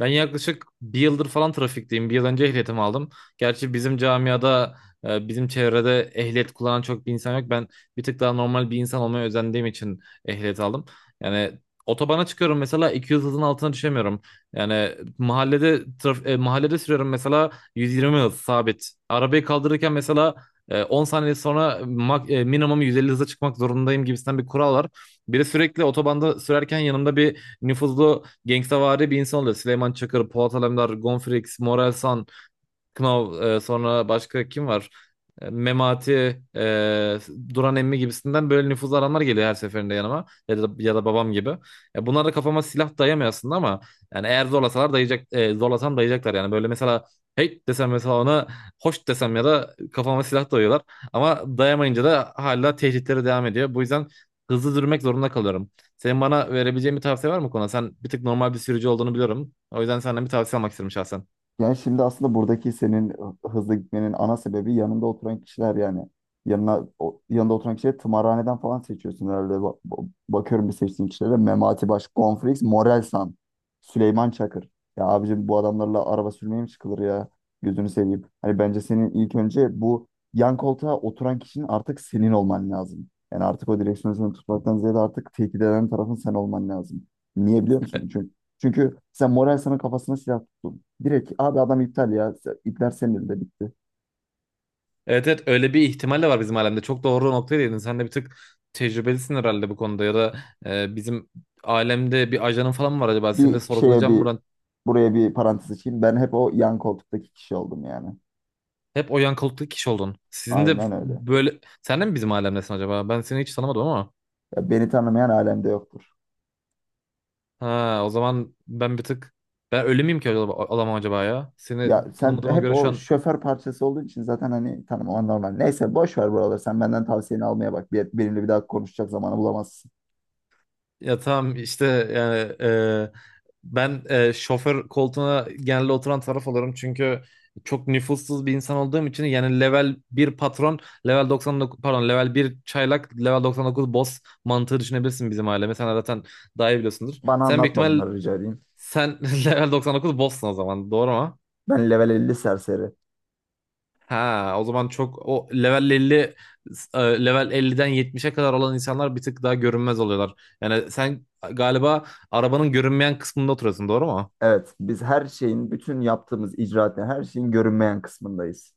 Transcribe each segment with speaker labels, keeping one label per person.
Speaker 1: Ben yaklaşık bir yıldır falan trafikteyim. Bir yıl önce ehliyetimi aldım. Gerçi bizim camiada, bizim çevrede ehliyet kullanan çok bir insan yok. Ben bir tık daha normal bir insan olmaya özendiğim için ehliyet aldım. Yani otobana çıkıyorum mesela 200 hızın altına düşemiyorum. Yani mahallede mahallede sürüyorum mesela 120 hız sabit. Arabayı kaldırırken mesela 10 saniye sonra minimum 150 hıza çıkmak zorundayım gibisinden bir kural var. Biri sürekli otobanda sürerken yanımda bir nüfuzlu gangstavari bir insan oluyor. Süleyman Çakır, Polat Alemdar, Gonfrix, Morel San, Knov, sonra başka kim var? Memati, Duran emmi gibisinden böyle nüfuzlu adamlar geliyor her seferinde yanıma. Ya da babam gibi. Bunlar da kafama silah dayamıyor aslında, ama yani eğer zorlasam dayayacaklar yani. Böyle mesela hey desem, mesela ona hoş desem, ya da kafama silah dayıyorlar. Ama dayamayınca da hala tehditleri devam ediyor. Bu yüzden hızlı durmak zorunda kalıyorum. Senin bana verebileceğin bir tavsiye var mı bu konuda? Sen bir tık normal bir sürücü olduğunu biliyorum. O yüzden senden bir tavsiye almak istedim şahsen.
Speaker 2: Yani şimdi aslında buradaki senin hızlı gitmenin ana sebebi yanında oturan kişiler yani. Yanına, yanında oturan kişileri tımarhaneden falan seçiyorsun herhalde. Bakıyorum bir seçtiğin kişilere. Memati Baş, Gonfrix, Morelsan, Süleyman Çakır. Ya abicim bu adamlarla araba sürmeye mi çıkılır ya? Gözünü seveyim. Hani bence senin ilk önce bu yan koltuğa oturan kişinin artık senin olman lazım. Yani artık o direksiyonu sen tutmaktan ziyade artık tehdit eden tarafın sen olman lazım. Niye biliyor musun? Çünkü sen Morelsan'ın kafasına silah tuttun. Direkt abi adam iptal ya. İpler senin elinde bitti.
Speaker 1: Evet, evet, öyle bir ihtimal de var bizim alemde. Çok doğru noktaya değindin. Sen de bir tık tecrübelisin herhalde bu konuda, ya da bizim alemde bir ajanın falan mı var acaba? Seni de
Speaker 2: Bir şeye
Speaker 1: sorgulayacağım
Speaker 2: bir
Speaker 1: buradan.
Speaker 2: buraya bir parantez açayım. Ben hep o yan koltuktaki kişi oldum yani.
Speaker 1: Hep o yankalıklı kişi oldun. Sizin de
Speaker 2: Aynen öyle.
Speaker 1: böyle... Sen de mi bizim alemdesin acaba? Ben seni hiç tanımadım ama.
Speaker 2: Ya beni tanımayan alemde yoktur.
Speaker 1: Ha, o zaman ben bir tık... Ben ölü müyüm ki acaba, alamam acaba ya? Seni
Speaker 2: Ya sen
Speaker 1: tanımadığıma
Speaker 2: hep
Speaker 1: göre şu
Speaker 2: o
Speaker 1: an...
Speaker 2: şoför parçası olduğun için zaten hani tanımaman normal. Neyse boş ver buraları. Sen benden tavsiyeni almaya bak. Bir, benimle bir daha konuşacak zamanı bulamazsın.
Speaker 1: Ya tamam işte, yani, ben şoför koltuğuna genelde oturan taraf olurum, çünkü çok nüfussuz bir insan olduğum için. Yani level bir patron, level 99, pardon, level bir çaylak, level 99 boss mantığı düşünebilirsin bizim aileme. Sen zaten daha iyi biliyorsundur.
Speaker 2: Bana
Speaker 1: Sen büyük
Speaker 2: anlatma
Speaker 1: ihtimal,
Speaker 2: bunları rica edeyim.
Speaker 1: sen level 99 boss'sun, o zaman doğru mu?
Speaker 2: Ben level elli serseri.
Speaker 1: Ha, o zaman, çok o level 50, e, level 50'den 70'e kadar olan insanlar bir tık daha görünmez oluyorlar. Yani sen galiba arabanın görünmeyen kısmında oturuyorsun, doğru mu?
Speaker 2: Evet, biz her şeyin, bütün yaptığımız icraatın, her şeyin görünmeyen kısmındayız.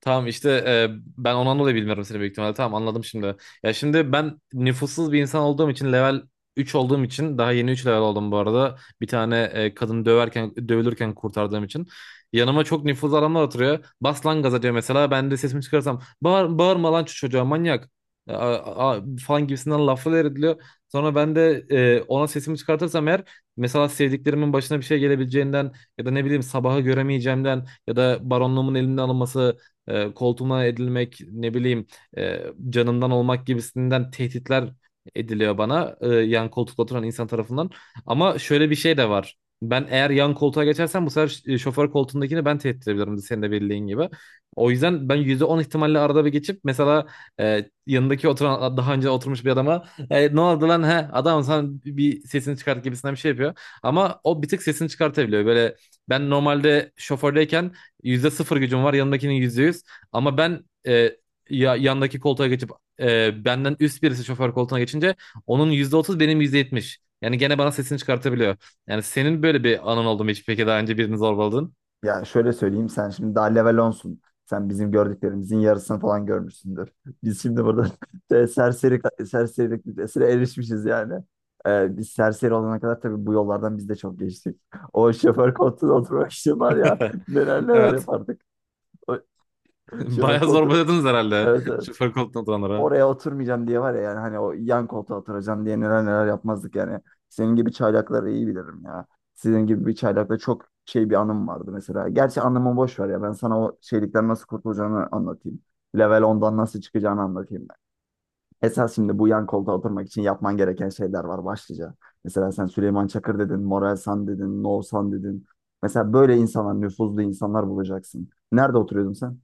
Speaker 1: Tamam işte, ben ondan dolayı bilmiyorum seni büyük ihtimalle. Tamam, anladım şimdi. Ya şimdi ben nüfussuz bir insan olduğum için, level 3 olduğum için, daha yeni 3 level oldum bu arada. Bir tane kadın döverken dövülürken kurtardığım için. Yanıma çok nüfuzlu adamlar oturuyor. Bas lan gaza diyor mesela. Ben de sesimi çıkarsam bağır, bağırma lan şu çocuğa manyak falan gibisinden laflar ediliyor. Sonra ben de ona sesimi çıkartırsam eğer, mesela sevdiklerimin başına bir şey gelebileceğinden ya da ne bileyim sabahı göremeyeceğimden ya da baronluğumun elimden alınması, koltuğuma edilmek, ne bileyim, e, canımdan olmak gibisinden tehditler ediliyor bana, yan koltukta oturan insan tarafından. Ama şöyle bir şey de var. Ben eğer yan koltuğa geçersem, bu sefer şoför koltuğundakini ben tehdit edebilirim, senin de bildiğin gibi. O yüzden ben %10 ihtimalle arada bir geçip mesela, yanındaki oturan daha önce oturmuş bir adama, ne oldu lan he adam, sen bir sesini çıkart gibisinden bir şey yapıyor. Ama o bir tık sesini çıkartabiliyor. Böyle, ben normalde şofördeyken %0 gücüm var, yanındakinin %100. Ama ben, yandaki koltuğa geçip, benden üst birisi şoför koltuğuna geçince, onun %30, benim %70. Yani gene bana sesini çıkartabiliyor. Yani senin böyle bir anın oldu mu hiç peki, daha önce birini zorbaladın?
Speaker 2: Yani şöyle söyleyeyim, sen şimdi daha level onsun. Sen bizim gördüklerimizin yarısını falan görmüşsündür. Biz şimdi burada e, serseri serserilik listesine erişmişiz yani. Biz serseri olana kadar tabii bu yollardan biz de çok geçtik. O şoför koltuğuna oturmak için var ya, neler neler
Speaker 1: Evet.
Speaker 2: yapardık. O şoför
Speaker 1: Bayağı
Speaker 2: koltuğu,
Speaker 1: zorbaladınız herhalde
Speaker 2: evet evet,
Speaker 1: şoför koltuğuna oturanlara.
Speaker 2: oraya oturmayacağım diye var ya, yani hani o yan koltuğa oturacağım diye neler neler yapmazdık yani. Senin gibi çaylakları iyi bilirim ya. Sizin gibi bir çaylakla çok şey bir anım vardı mesela. Gerçi anımı boş ver, ya ben sana o şeylikten nasıl kurtulacağını anlatayım. Level 10'dan nasıl çıkacağını anlatayım ben. Esas şimdi bu yan koltuğa oturmak için yapman gereken şeyler var başlıca. Mesela sen Süleyman Çakır dedin, Moral San dedin, No San dedin. Mesela böyle insanlar, nüfuzlu insanlar bulacaksın. Nerede oturuyordun sen?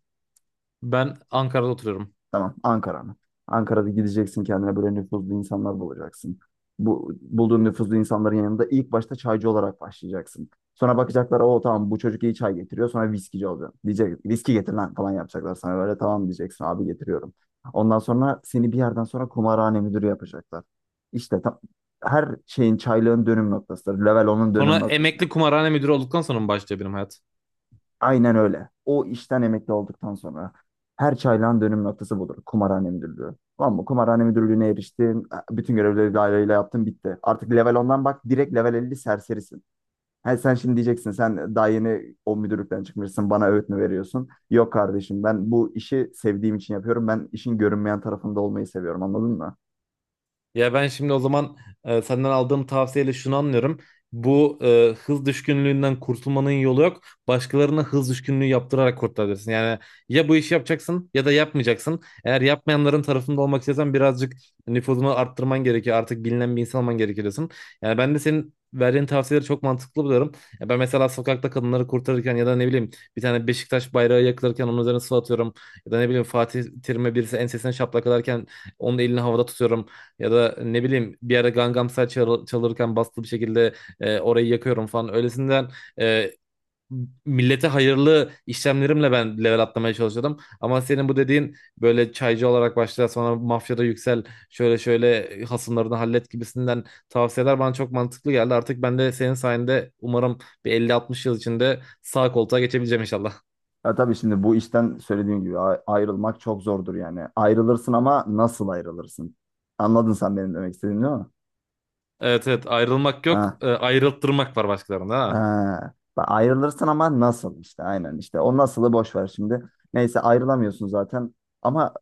Speaker 1: Ben Ankara'da oturuyorum.
Speaker 2: Tamam, Ankara mı? Ankara'da gideceksin, kendine böyle nüfuzlu insanlar bulacaksın. Bu bulduğun nüfuzlu insanların yanında ilk başta çaycı olarak başlayacaksın. Sonra bakacaklar o, tamam bu çocuk iyi çay getiriyor, sonra viskici olacaksın. Diyecek viski getir lan falan, yapacaklar sana böyle, tamam diyeceksin abi getiriyorum. Ondan sonra seni bir yerden sonra kumarhane müdürü yapacaklar. İşte tam, her şeyin, çaylığın dönüm noktasıdır. Level onun
Speaker 1: Sonra
Speaker 2: dönüm
Speaker 1: emekli
Speaker 2: noktasıdır.
Speaker 1: kumarhane müdürü olduktan sonra mı başlıyor benim hayat?
Speaker 2: Aynen öyle. O işten emekli olduktan sonra her çaylağın dönüm noktası budur. Kumarhane müdürlüğü. Tamam mı? Kumarhane müdürlüğüne eriştin. Bütün görevleri daireyle yaptın bitti. Artık level ondan bak direkt level 50 serserisin. Ha, sen şimdi diyeceksin sen daha yeni o müdürlükten çıkmışsın bana öğüt mü veriyorsun? Yok kardeşim, ben bu işi sevdiğim için yapıyorum. Ben işin görünmeyen tarafında olmayı seviyorum, anladın mı?
Speaker 1: Ya ben şimdi o zaman, senden aldığım tavsiyeyle şunu anlıyorum. Bu hız düşkünlüğünden kurtulmanın yolu yok. Başkalarına hız düşkünlüğü yaptırarak kurtarabilirsin. Yani ya bu işi yapacaksın ya da yapmayacaksın. Eğer yapmayanların tarafında olmak istiyorsan, birazcık nüfuzunu arttırman gerekiyor. Artık bilinen bir insan olman gerekiyor diyorsun. Yani ben de senin verdiğin tavsiyeleri çok mantıklı buluyorum. Ya ben mesela sokakta kadınları kurtarırken, ya da ne bileyim, bir tane Beşiktaş bayrağı yakılırken onun üzerine su atıyorum. Ya da ne bileyim, Fatih Terim'e birisi ensesine şaplak atarken onun elini havada tutuyorum. Ya da ne bileyim, bir ara Gangnam Style çalırken, bastı bir şekilde orayı yakıyorum falan. Öylesinden, e, millete hayırlı işlemlerimle ben level atlamaya çalışıyordum. Ama senin bu dediğin, böyle çaycı olarak başla, sonra mafyada yüksel, şöyle şöyle hasımlarını hallet gibisinden tavsiyeler bana çok mantıklı geldi. Artık ben de senin sayende, umarım bir 50-60 yıl içinde sağ koltuğa geçebileceğim inşallah.
Speaker 2: Ya tabii şimdi bu işten söylediğim gibi ayrılmak çok zordur yani. Ayrılırsın ama nasıl ayrılırsın? Anladın sen benim demek istediğimi değil mi?
Speaker 1: Evet, evet, ayrılmak yok,
Speaker 2: Ha,
Speaker 1: ayrılttırmak var başkalarında, ha.
Speaker 2: ha, bak ayrılırsın ama nasıl, işte aynen işte o nasılı boş ver şimdi. Neyse ayrılamıyorsun zaten, ama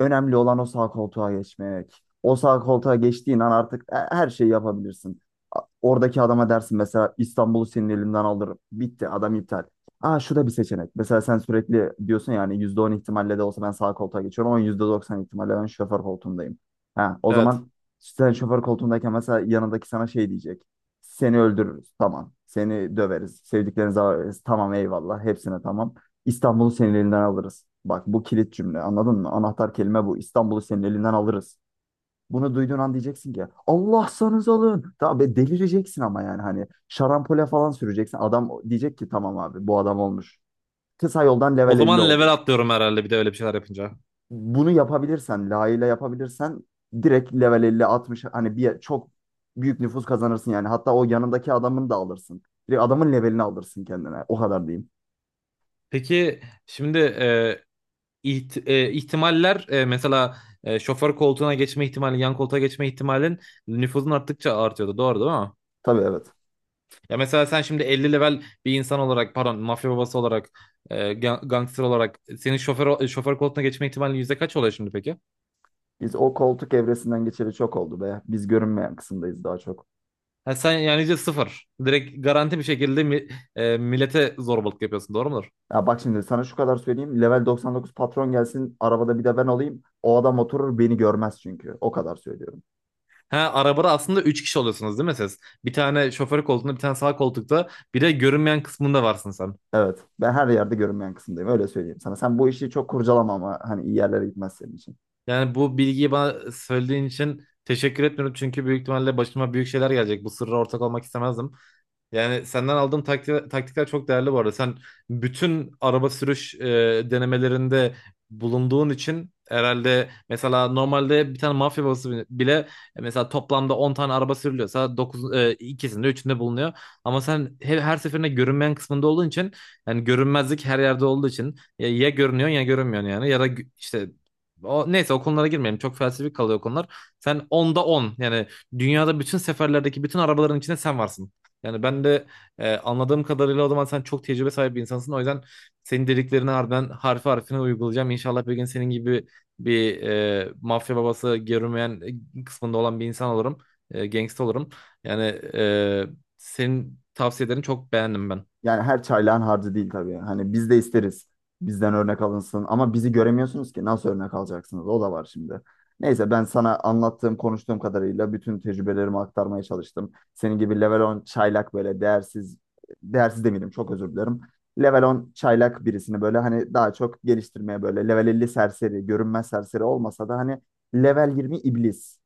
Speaker 2: önemli olan o sağ koltuğa geçmek. O sağ koltuğa geçtiğin an artık her şeyi yapabilirsin. Oradaki adama dersin mesela İstanbul'u senin elimden alırım. Bitti adam iptal. Aa şu da bir seçenek. Mesela sen sürekli diyorsun yani %10 ihtimalle de olsa ben sağ koltuğa geçiyorum ama %90 ihtimalle ben şoför koltuğundayım. Ha, o
Speaker 1: Evet.
Speaker 2: zaman sen şoför koltuğundayken mesela yanındaki sana şey diyecek. Seni öldürürüz. Tamam. Seni döveriz. Sevdiklerinizi alırız. Tamam eyvallah. Hepsine tamam. İstanbul'u senin elinden alırız. Bak bu kilit cümle, anladın mı? Anahtar kelime bu. İstanbul'u senin elinden alırız. Bunu duyduğun an diyeceksin ki Allah'sanız alın. Tabii delireceksin ama yani hani şarampole falan süreceksin. Adam diyecek ki tamam abi bu adam olmuş. Kısa yoldan
Speaker 1: O
Speaker 2: level 50
Speaker 1: zaman level
Speaker 2: oldun.
Speaker 1: atlıyorum herhalde bir de öyle bir şeyler yapınca.
Speaker 2: Bunu yapabilirsen, layığıyla yapabilirsen direkt level 50 60, hani bir çok büyük nüfus kazanırsın yani. Hatta o yanındaki adamın da alırsın. Direkt adamın levelini alırsın kendine. O kadar diyeyim.
Speaker 1: Peki şimdi, ihtimaller, mesela, şoför koltuğuna geçme ihtimali, yan koltuğa geçme ihtimalin nüfuzun arttıkça artıyordu. Doğru değil mi?
Speaker 2: Tabii evet.
Speaker 1: Ya mesela sen şimdi 50 level bir insan olarak, pardon, mafya babası olarak, gangster olarak, senin şoför koltuğuna geçme ihtimalin yüzde kaç oluyor şimdi peki?
Speaker 2: Biz o koltuk evresinden geçeli çok oldu be. Biz görünmeyen kısımdayız daha çok.
Speaker 1: Ha, sen yani %0. Direkt garanti bir şekilde millete zorbalık yapıyorsun, doğru mudur?
Speaker 2: Ya bak şimdi sana şu kadar söyleyeyim. Level 99 patron gelsin, arabada bir de ben olayım. O adam oturur beni görmez çünkü. O kadar söylüyorum.
Speaker 1: Ha, arabada aslında üç kişi oluyorsunuz değil mi siz? Bir tane şoför koltuğunda, bir tane sağ koltukta, bir de görünmeyen kısmında varsın sen.
Speaker 2: Evet. Ben her yerde görünmeyen kısımdayım. Öyle söyleyeyim sana. Sen bu işi çok kurcalama ama hani iyi yerlere gitmez senin için.
Speaker 1: Yani bu bilgiyi bana söylediğin için teşekkür etmiyorum. Çünkü büyük ihtimalle başıma büyük şeyler gelecek. Bu sırra ortak olmak istemezdim. Yani senden aldığım taktikler çok değerli bu arada. Sen bütün araba sürüş denemelerinde bulunduğun için herhalde, mesela normalde bir tane mafya babası bile bile, mesela toplamda 10 tane araba sürülüyorsa, dokuz, ikisinde üçünde bulunuyor. Ama sen her seferinde görünmeyen kısmında olduğun için, yani görünmezlik her yerde olduğu için, ya görünüyorsun ya görünmüyorsun, yani ya da işte, o, neyse, o konulara girmeyelim. Çok felsefik kalıyor o konular. Sen onda 10 yani dünyada bütün seferlerdeki bütün arabaların içinde sen varsın. Yani ben de, anladığım kadarıyla, o zaman sen çok tecrübe sahibi bir insansın. O yüzden senin dediklerini harbiden harfi harfine uygulayacağım. İnşallah bir gün senin gibi bir mafya babası, görünmeyen kısmında olan bir insan olurum. Gangsta olurum. Yani, e, senin tavsiyelerini çok beğendim ben.
Speaker 2: Yani her çaylağın harcı değil tabii. Hani biz de isteriz. Bizden örnek alınsın. Ama bizi göremiyorsunuz ki. Nasıl örnek alacaksınız? O da var şimdi. Neyse ben sana anlattığım, konuştuğum kadarıyla bütün tecrübelerimi aktarmaya çalıştım. Senin gibi level 10 çaylak böyle değersiz, değersiz demeyelim, çok özür dilerim. Level 10 çaylak birisini böyle hani daha çok geliştirmeye, böyle level 50 serseri, görünmez serseri olmasa da hani level 20 iblis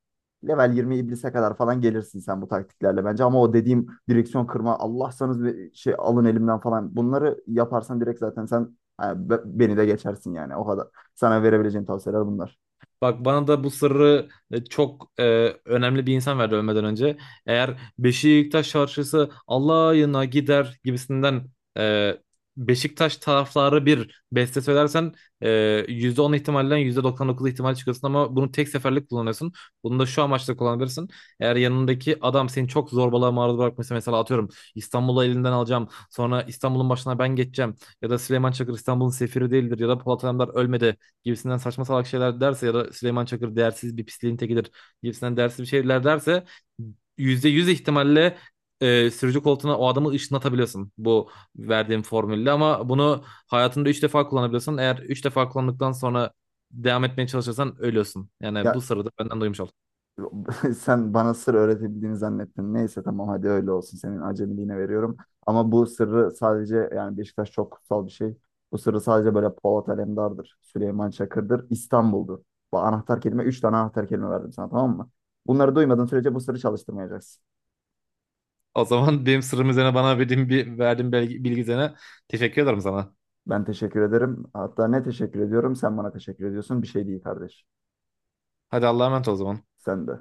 Speaker 2: level 20 iblise kadar falan gelirsin sen bu taktiklerle bence. Ama o dediğim direksiyon kırma Allah'sanız bir şey alın elimden falan. Bunları yaparsan direkt zaten sen, ha, beni de geçersin yani o kadar. Sana verebileceğim tavsiyeler bunlar.
Speaker 1: Bak, bana da bu sırrı, çok önemli bir insan verdi ölmeden önce. Eğer Beşiktaş şarkısı Allah'ına gider gibisinden, e, Beşiktaş tarafları bir beste söylersen, e, %10 ihtimalden %99 ihtimal çıkıyorsun, ama bunu tek seferlik kullanıyorsun. Bunu da şu amaçla kullanabilirsin. Eğer yanındaki adam seni çok zorbalığa maruz bırakmışsa, mesela atıyorum İstanbul'u elinden alacağım, sonra İstanbul'un başına ben geçeceğim, ya da Süleyman Çakır İstanbul'un sefiri değildir ya da Polat Alemdar ölmedi gibisinden saçma salak şeyler derse, ya da Süleyman Çakır değersiz bir pisliğin tekidir gibisinden değersiz bir şeyler derse, %100 ihtimalle, sürücü koltuğuna o adamı ışınlatabiliyorsun bu verdiğim formülle, ama bunu hayatında 3 defa kullanabiliyorsun. Eğer 3 defa kullandıktan sonra devam etmeye çalışırsan ölüyorsun. Yani bu
Speaker 2: Ya
Speaker 1: sırrı da benden duymuş oldun.
Speaker 2: sen bana sır öğretebildiğini zannettin. Neyse tamam hadi öyle olsun. Senin acemiliğine veriyorum. Ama bu sırrı sadece, yani Beşiktaş çok kutsal bir şey. Bu sırrı sadece böyle Polat Alemdar'dır. Süleyman Çakır'dır. İstanbul'dur. Bu anahtar kelime. Üç tane anahtar kelime verdim sana, tamam mı? Bunları duymadığın sürece bu sırrı çalıştırmayacaksın.
Speaker 1: O zaman benim sırrım üzerine bana verdiğin bilgi üzerine teşekkür ederim sana.
Speaker 2: Ben teşekkür ederim. Hatta ne teşekkür ediyorum? Sen bana teşekkür ediyorsun. Bir şey değil kardeş.
Speaker 1: Hadi Allah'a emanet ol o zaman.
Speaker 2: Sen de.